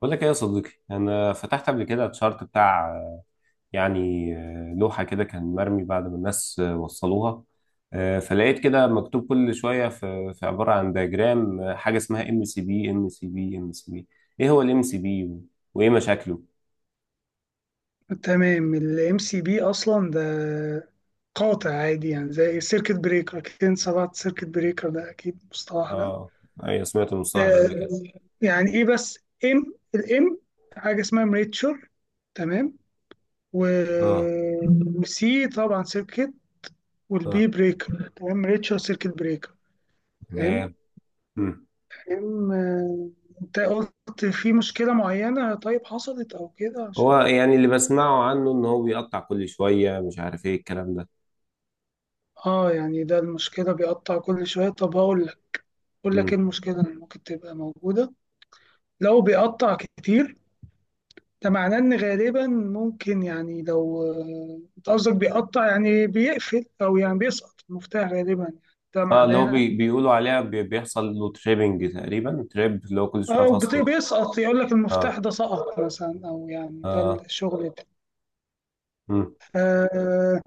بقول لك ايه يا صديقي انا فتحت قبل كده الشارت بتاع لوحه كده كان مرمي بعد ما الناس وصلوها فلقيت كده مكتوب كل شويه في عباره عن دياجرام حاجه اسمها ام سي بي. ايه هو الام سي بي وايه مشاكله؟ تمام. الام سي بي اصلا ده قاطع عادي، يعني زي السيركت بريكر. اكيد انت سمعت سيركت بريكر ده، اكيد المصطلح ده. اه، ايوه سمعت المصطلح ده آه، قبل كده. يعني ايه بس؟ الام حاجه اسمها مريتشر، تمام، اه. وسي طبعا سيركت، اه، والبي بريكر، تمام، مريتشر سيركت بريكر، فاهم؟ تمام. مم. ام آه، انت قلت في مشكله معينه، طيب حصلت او كده هو عشان؟ يعني اللي بسمعه عنه ان هو بيقطع كل شويه، مش عارف ايه الكلام ده. اه، يعني ده المشكله بيقطع كل شويه. طب هقول لك، بقول لك ايه المشكلة اللي ممكن تبقى موجودة. لو بيقطع كتير، ده معناه ان غالبا ممكن، يعني لو انت قصدك بيقطع، يعني بيقفل، او يعني بيسقط المفتاح غالبا، يعني ده اه، اللي هو معناها. بيقولوا عليها بيحصل له تريبنج تقريبا، تريب اللي هو كل شويه او فصل يعني. بيسقط، يقول لك اه. المفتاح ده سقط مثلا، او يعني ده اه. الشغل ده. مم. آه،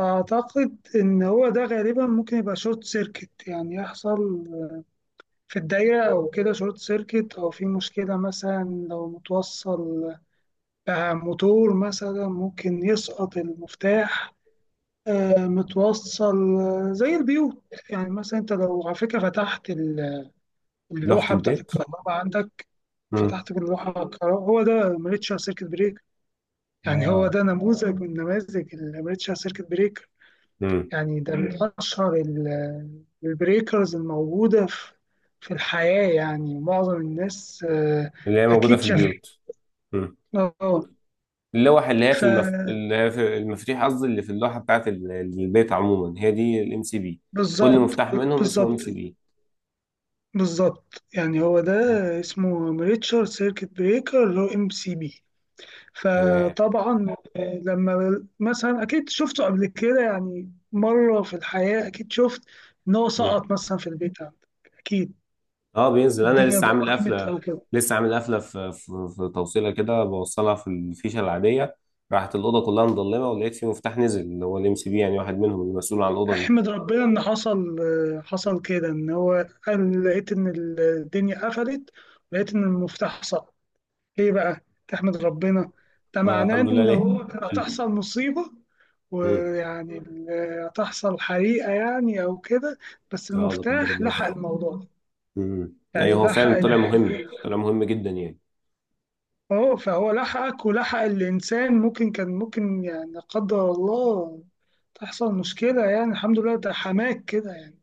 اعتقد ان هو ده غالبا ممكن يبقى شورت سيركت، يعني يحصل في الدايرة او كده شورت سيركت، او في مشكلة مثلا لو متوصل بقى موتور مثلا ممكن يسقط المفتاح. متوصل زي البيوت. يعني مثلا انت لو على فكره فتحت لوحة اللوحه بتاعت البيت. الكهرباء عندك، مم. فتحت اللوحه الكهرباء، هو ده امريتشر سيركت بريك. يعني هو اه. ده نموذج من نماذج الامريتشر سيركت بريك. مم. يعني ده من اشهر البريكرز الموجوده في في الحياه، يعني معظم الناس اللي هي موجودة اكيد في شافها. البيوت. مم. اه، اللي هي في اللي هي في المفاتيح، قصدي اللي في اللوحة بتاعت البيت عموما، هي دي الام سي بي. كل فبالظبط. مفتاح منهم اسمه ام بالظبط سي بي. بالظبط يعني هو ده اسمه ريتشارد سيركت بريكر، اللي هو ام سي بي. تمام. فطبعا لما مثلا اكيد شفته قبل كده، يعني مره في الحياه اكيد شفت ان هو سقط مثلا في البيت عندك اكيد، اه بينزل. انا والدنيا لسه عامل ضربت قفله، او كده. لسه عامل قفله في توصيله كده، بوصلها في الفيشه العاديه. راحت الاوضه كلها مضلمه، ولقيت في مفتاح نزل اللي هو الام سي بي يعني، واحد منهم المسؤول عن الاوضه دي. احمد ربنا ان حصل حصل كده، ان هو قال لقيت ان الدنيا قفلت ولقيت ان المفتاح سقط. ليه بقى تحمد ربنا؟ ده اه معناه الحمد لله. ان ليه؟ هو كانت هتحصل مم. مصيبه، مم. ويعني هتحصل حريقة يعني أو كده، بس اه لا قدر المفتاح الله. لحق الموضوع ده. مم. ايوه يعني هو لحق فعلا طلع مهم، طلع مهم جدا يعني. أهو، فهو لحقك، ولحق الإنسان ممكن كان، ممكن يعني لا قدر الله تحصل مشكلة، يعني الحمد لله ده حماك كده يعني.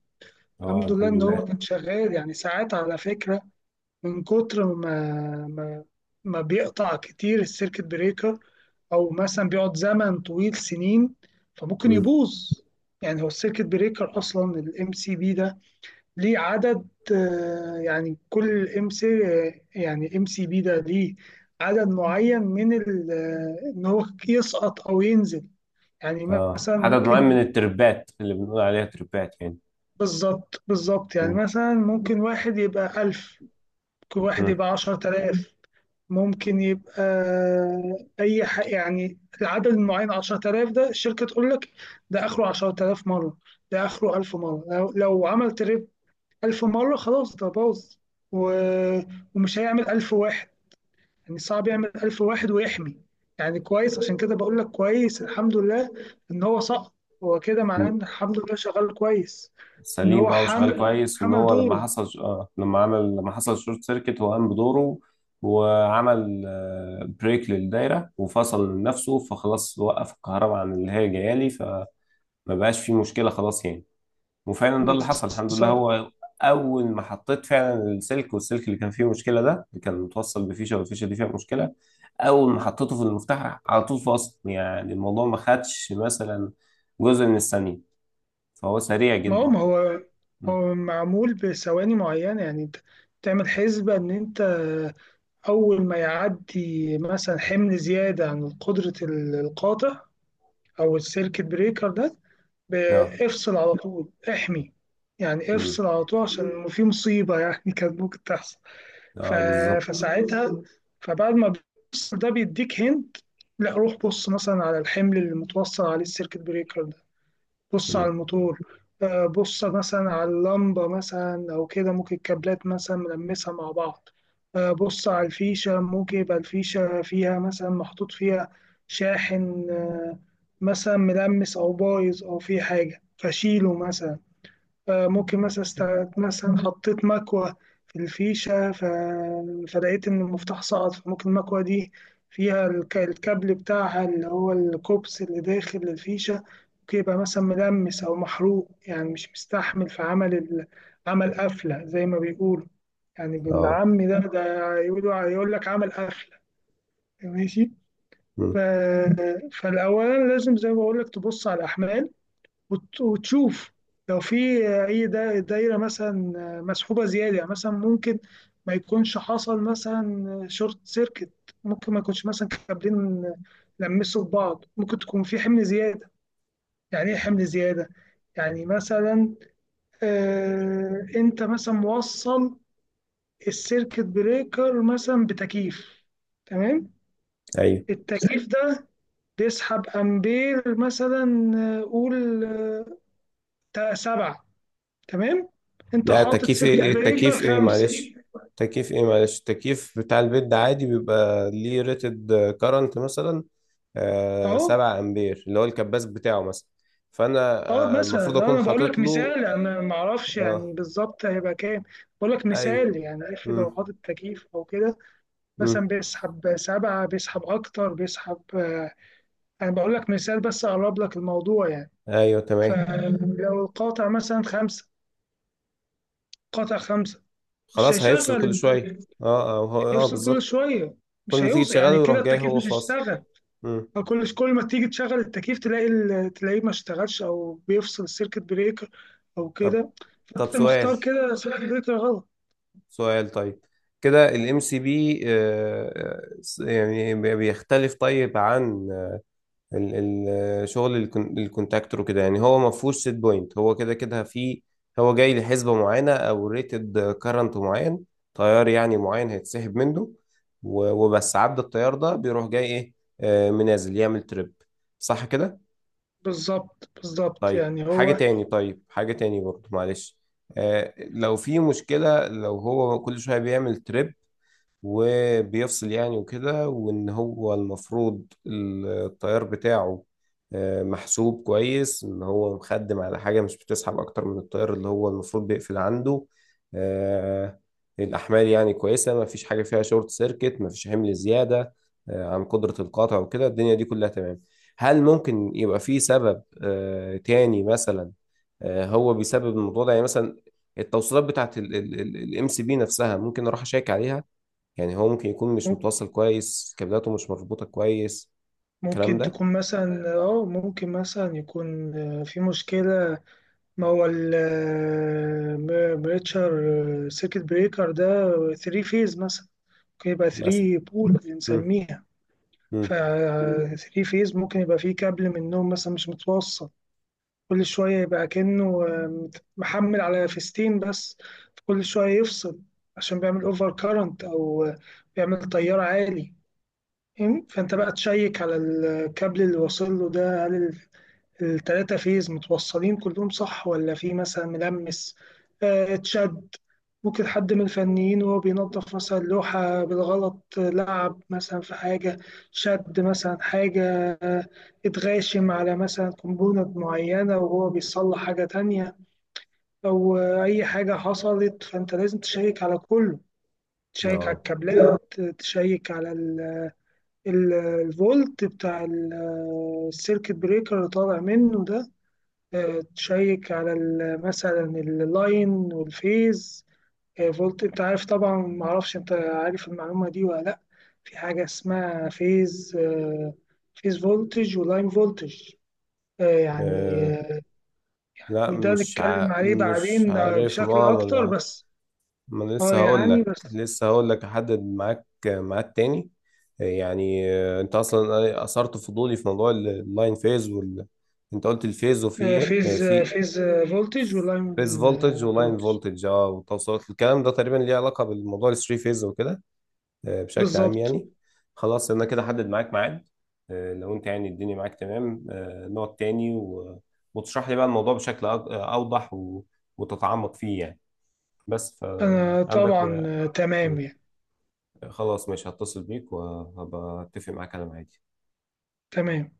اه الحمد لله الحمد إن لله. هو كان شغال. يعني ساعات على فكرة، من كتر ما ما بيقطع كتير السيركت بريكر، أو مثلا بيقعد زمن طويل سنين، فممكن مم. يبوظ. يعني هو السيركت بريكر أصلا، الام سي بي ده، ليه عدد، يعني كل ام سي يعني ام سي بي ده ليه عدد معين من ان هو يسقط او ينزل، يعني اه، مثلا عدد معين ممكن، من التربات، اللي بنقول عليها تربات يعني. بالظبط، يعني مم. مثلا ممكن واحد يبقى 1000، ممكن واحد يبقى 10,000، ممكن يبقى اي حق، يعني العدد المعين 10,000 ده الشركة تقول لك ده اخره 10,000 مرة، ده اخره 1000 مرة. لو, لو عملت 1000 مرة خلاص ده باظ و... ومش هيعمل 1000 واحد، يعني صعب يعمل 1000 واحد ويحمي. يعني كويس، عشان كده بقول لك كويس، الحمد لله إن هو سقط. هو كده معناه مم. إن الحمد لله شغال كويس، إن سليم. هو اه وشغال كويس. وان حمل هو لما دوره. حصل آه، لما حصل شورت سيركت، هو قام بدوره وعمل بريك للدايره وفصل من نفسه، فخلاص وقف الكهرباء عن اللي هي جايه لي، فما بقاش في مشكله خلاص يعني. وفعلا ده اللي حصل الحمد لله. بالظبط. هو اول ما حطيت فعلا السلك، والسلك اللي كان فيه مشكله ده اللي كان متوصل بفيشه والفيشه دي فيها مشكله، اول ما حطيته في المفتاح على طول فصل، يعني الموضوع ما خدش مثلا جزء من الثانيه. فهو سريع ما جدا. هو ما هو م. هو معمول بثواني معينة، يعني أنت تعمل حسبة إن أنت أول ما يعدي مثلا حمل زيادة عن قدرة القاطع أو السيركت بريكر ده، ب- اه. افصل على طول احمي. يعني م. افصل على طول، عشان في مصيبة يعني كانت ممكن تحصل. ف... اه بالظبط. فساعتها، فبعد ما بتفصل، ده بيديك هنت، لا روح بص مثلا على الحمل اللي متوصل عليه السيركت بريكر. بص على مم. الموتور، بص مثلا على اللمبة مثلا أو كده، ممكن الكابلات مثلا ملمسها مع بعض. بص على الفيشة، ممكن يبقى الفيشة فيها مثلا محطوط فيها شاحن مثلا ملمس أو بايظ، أو في حاجة فشيله مثلا. ممكن مثلا مثلا حطيت مكوة في الفيشة، فلقيت إن المفتاح سقط، فممكن المكوة دي فيها الكابل بتاعها اللي هو الكوبس اللي داخل الفيشة، ممكن يبقى مثلا ملمس أو محروق، يعني مش مستحمل، في عمل عمل قفلة زي ما بيقولوا. يعني اه. بالعام ده يقولوا يقول لك عمل قفلة، ماشي. ف... مم. فالأول لازم زي ما بقول لك تبص على الأحمال، وتشوف لو في اي دايره مثلا مسحوبه زياده. يعني مثلا ممكن ما يكونش حصل مثلا شورت سيركت، ممكن ما يكونش مثلا كابلين لمسوا في بعض، ممكن تكون في حمل زياده. يعني ايه حمل زياده؟ يعني مثلا، آه، انت مثلا موصل السيركت بريكر مثلا بتكييف، تمام. ايوه، التكييف ده بيسحب امبير مثلا، قول 7، تمام. انت لا. حاطط تكييف ايه سيركت ايه بريكر التكييف ايه؟ 5، معلش، تكييف ايه معلش؟ التكييف بتاع البيت ده عادي بيبقى ليه ريتد كارنت، مثلا آه اهو. 7 امبير، اللي هو الكباس بتاعه مثلا. فانا اه آه مثلا، المفروض اكون انا بقول حاطط لك له. مثال، انا ما اعرفش اه. يعني بالظبط هيبقى كام، بقول لك ايوه. مثال يعني اخر. لو مم. حاطط تكييف او كده مم. مثلا بيسحب 7، بيسحب اكتر، بيسحب انا بقول لك مثال بس اقرب لك الموضوع يعني. ايوه تمام. فلو القاطع مثلا 5، قاطع 5، مش خلاص هيفصل كل هيشغل، شويه. اه. هيفصل كل بالظبط. شوية، كل مش ما تيجي هيوصل، يعني تشغله يروح كده جاي التكييف هو مش فاصل. هيشتغل. مم. كل ما تيجي تشغل التكييف تلاقي تلاقيه ما اشتغلش او بيفصل السيركت بريكر او طب كده. طب فانت سؤال، مختار كده سيركت بريكر غلط. سؤال طيب، كده الام سي بي يعني بيختلف طيب عن ال- شغل الكونتاكتور وكده؟ يعني هو ما فيهوش سيت بوينت، هو كده كده في، هو جاي لحسبة معينة او ريتد كارنت معين، تيار يعني معين هيتسحب منه، وبس عدى التيار ده بيروح جاي ايه منازل، يعمل تريب. صح كده؟ بالظبط، طيب يعني حاجة هو تاني، طيب حاجة تاني برضه معلش، لو في مشكلة، لو هو كل شوية بيعمل تريب وبيفصل يعني وكده، وان هو المفروض التيار بتاعه محسوب كويس، ان هو مخدم على حاجة مش بتسحب اكتر من التيار اللي هو المفروض بيقفل عنده، آه، الاحمال يعني كويسة، ما فيش حاجة فيها شورت سيركت، ما فيش حمل زيادة عن قدرة القاطع وكده، الدنيا دي كلها تمام. هل ممكن يبقى في سبب تاني مثلا هو بيسبب الموضوع ده؟ يعني مثلا التوصيلات بتاعت الام سي بي نفسها ممكن اروح اشيك عليها؟ يعني هو ممكن يكون مش م- متوصل كويس، كابلاته مش مربوطة كويس الكلام ممكن ده، تكون مثلا، اه ممكن مثلا يكون في مشكلة. ما هو البريتشر سيركت بريكر ده 3 فيز مثلا، ممكن يبقى مثلا. 3 بول مم. بنسميها. ف مم. 3 فيز، ممكن يبقى فيه كابل منهم مثلا مش متوصل، كل شوية يبقى كأنه محمل على فيستين بس، كل شوية يفصل عشان بيعمل اوفر كارنت أو بيعمل تيار عالي. فاهم؟ فأنت بقى تشيك على الكابل اللي واصل له ده، هل ال3 فيز متوصلين كلهم صح، ولا في مثلا ملمس اتشد؟ ممكن حد من الفنيين وهو بينظف مثلا لوحة بالغلط لعب مثلا في حاجة، شد مثلا حاجة، آه، اتغاشم على مثلا كومبوننت معينة وهو بيصلح حاجة تانية، أو أي حاجة حصلت. فأنت لازم تشيك على كله، تشيك على اه. الكابلات، تشيك على الفولت بتاع السيركت بريكر اللي طالع منه ده. تشيك على مثلا اللاين والفيز فولت. انت عارف طبعا، ما اعرفش انت عارف المعلومه دي ولا لا، في حاجه اسمها فيز فيز فولتج ولاين فولتج. آه، يعني آه، آه، لا يعني ده مش نتكلم عليه مش بعدين عارف يا بشكل ماما اكتر انا. بس. ما أنا اه لسه هقول يعني لك، بس لسه هقول لك احدد معاك ميعاد تاني. انت اصلا اثرت فضولي في موضوع اللاين فيز انت قلت الفيز وفي ايه؟ في فيز فولتج ولاين فيز فولتج ولاين فولتج. فولتج. اه والتوصيلات الكلام ده تقريبا ليه علاقة بالموضوع الثري فيز وكده بشكل عام بالظبط. يعني. خلاص انا كده حدد معاك ميعاد، لو انت يعني الدنيا معاك تمام نقعد تاني و... وتشرح لي بقى الموضوع بشكل اوضح و... وتتعمق فيه يعني. بس انا فعندك طبعا م. تمام يعني، خلاص ماشي، هتصل بيك وهبقى اتفق معاك على ميعادي. تمام.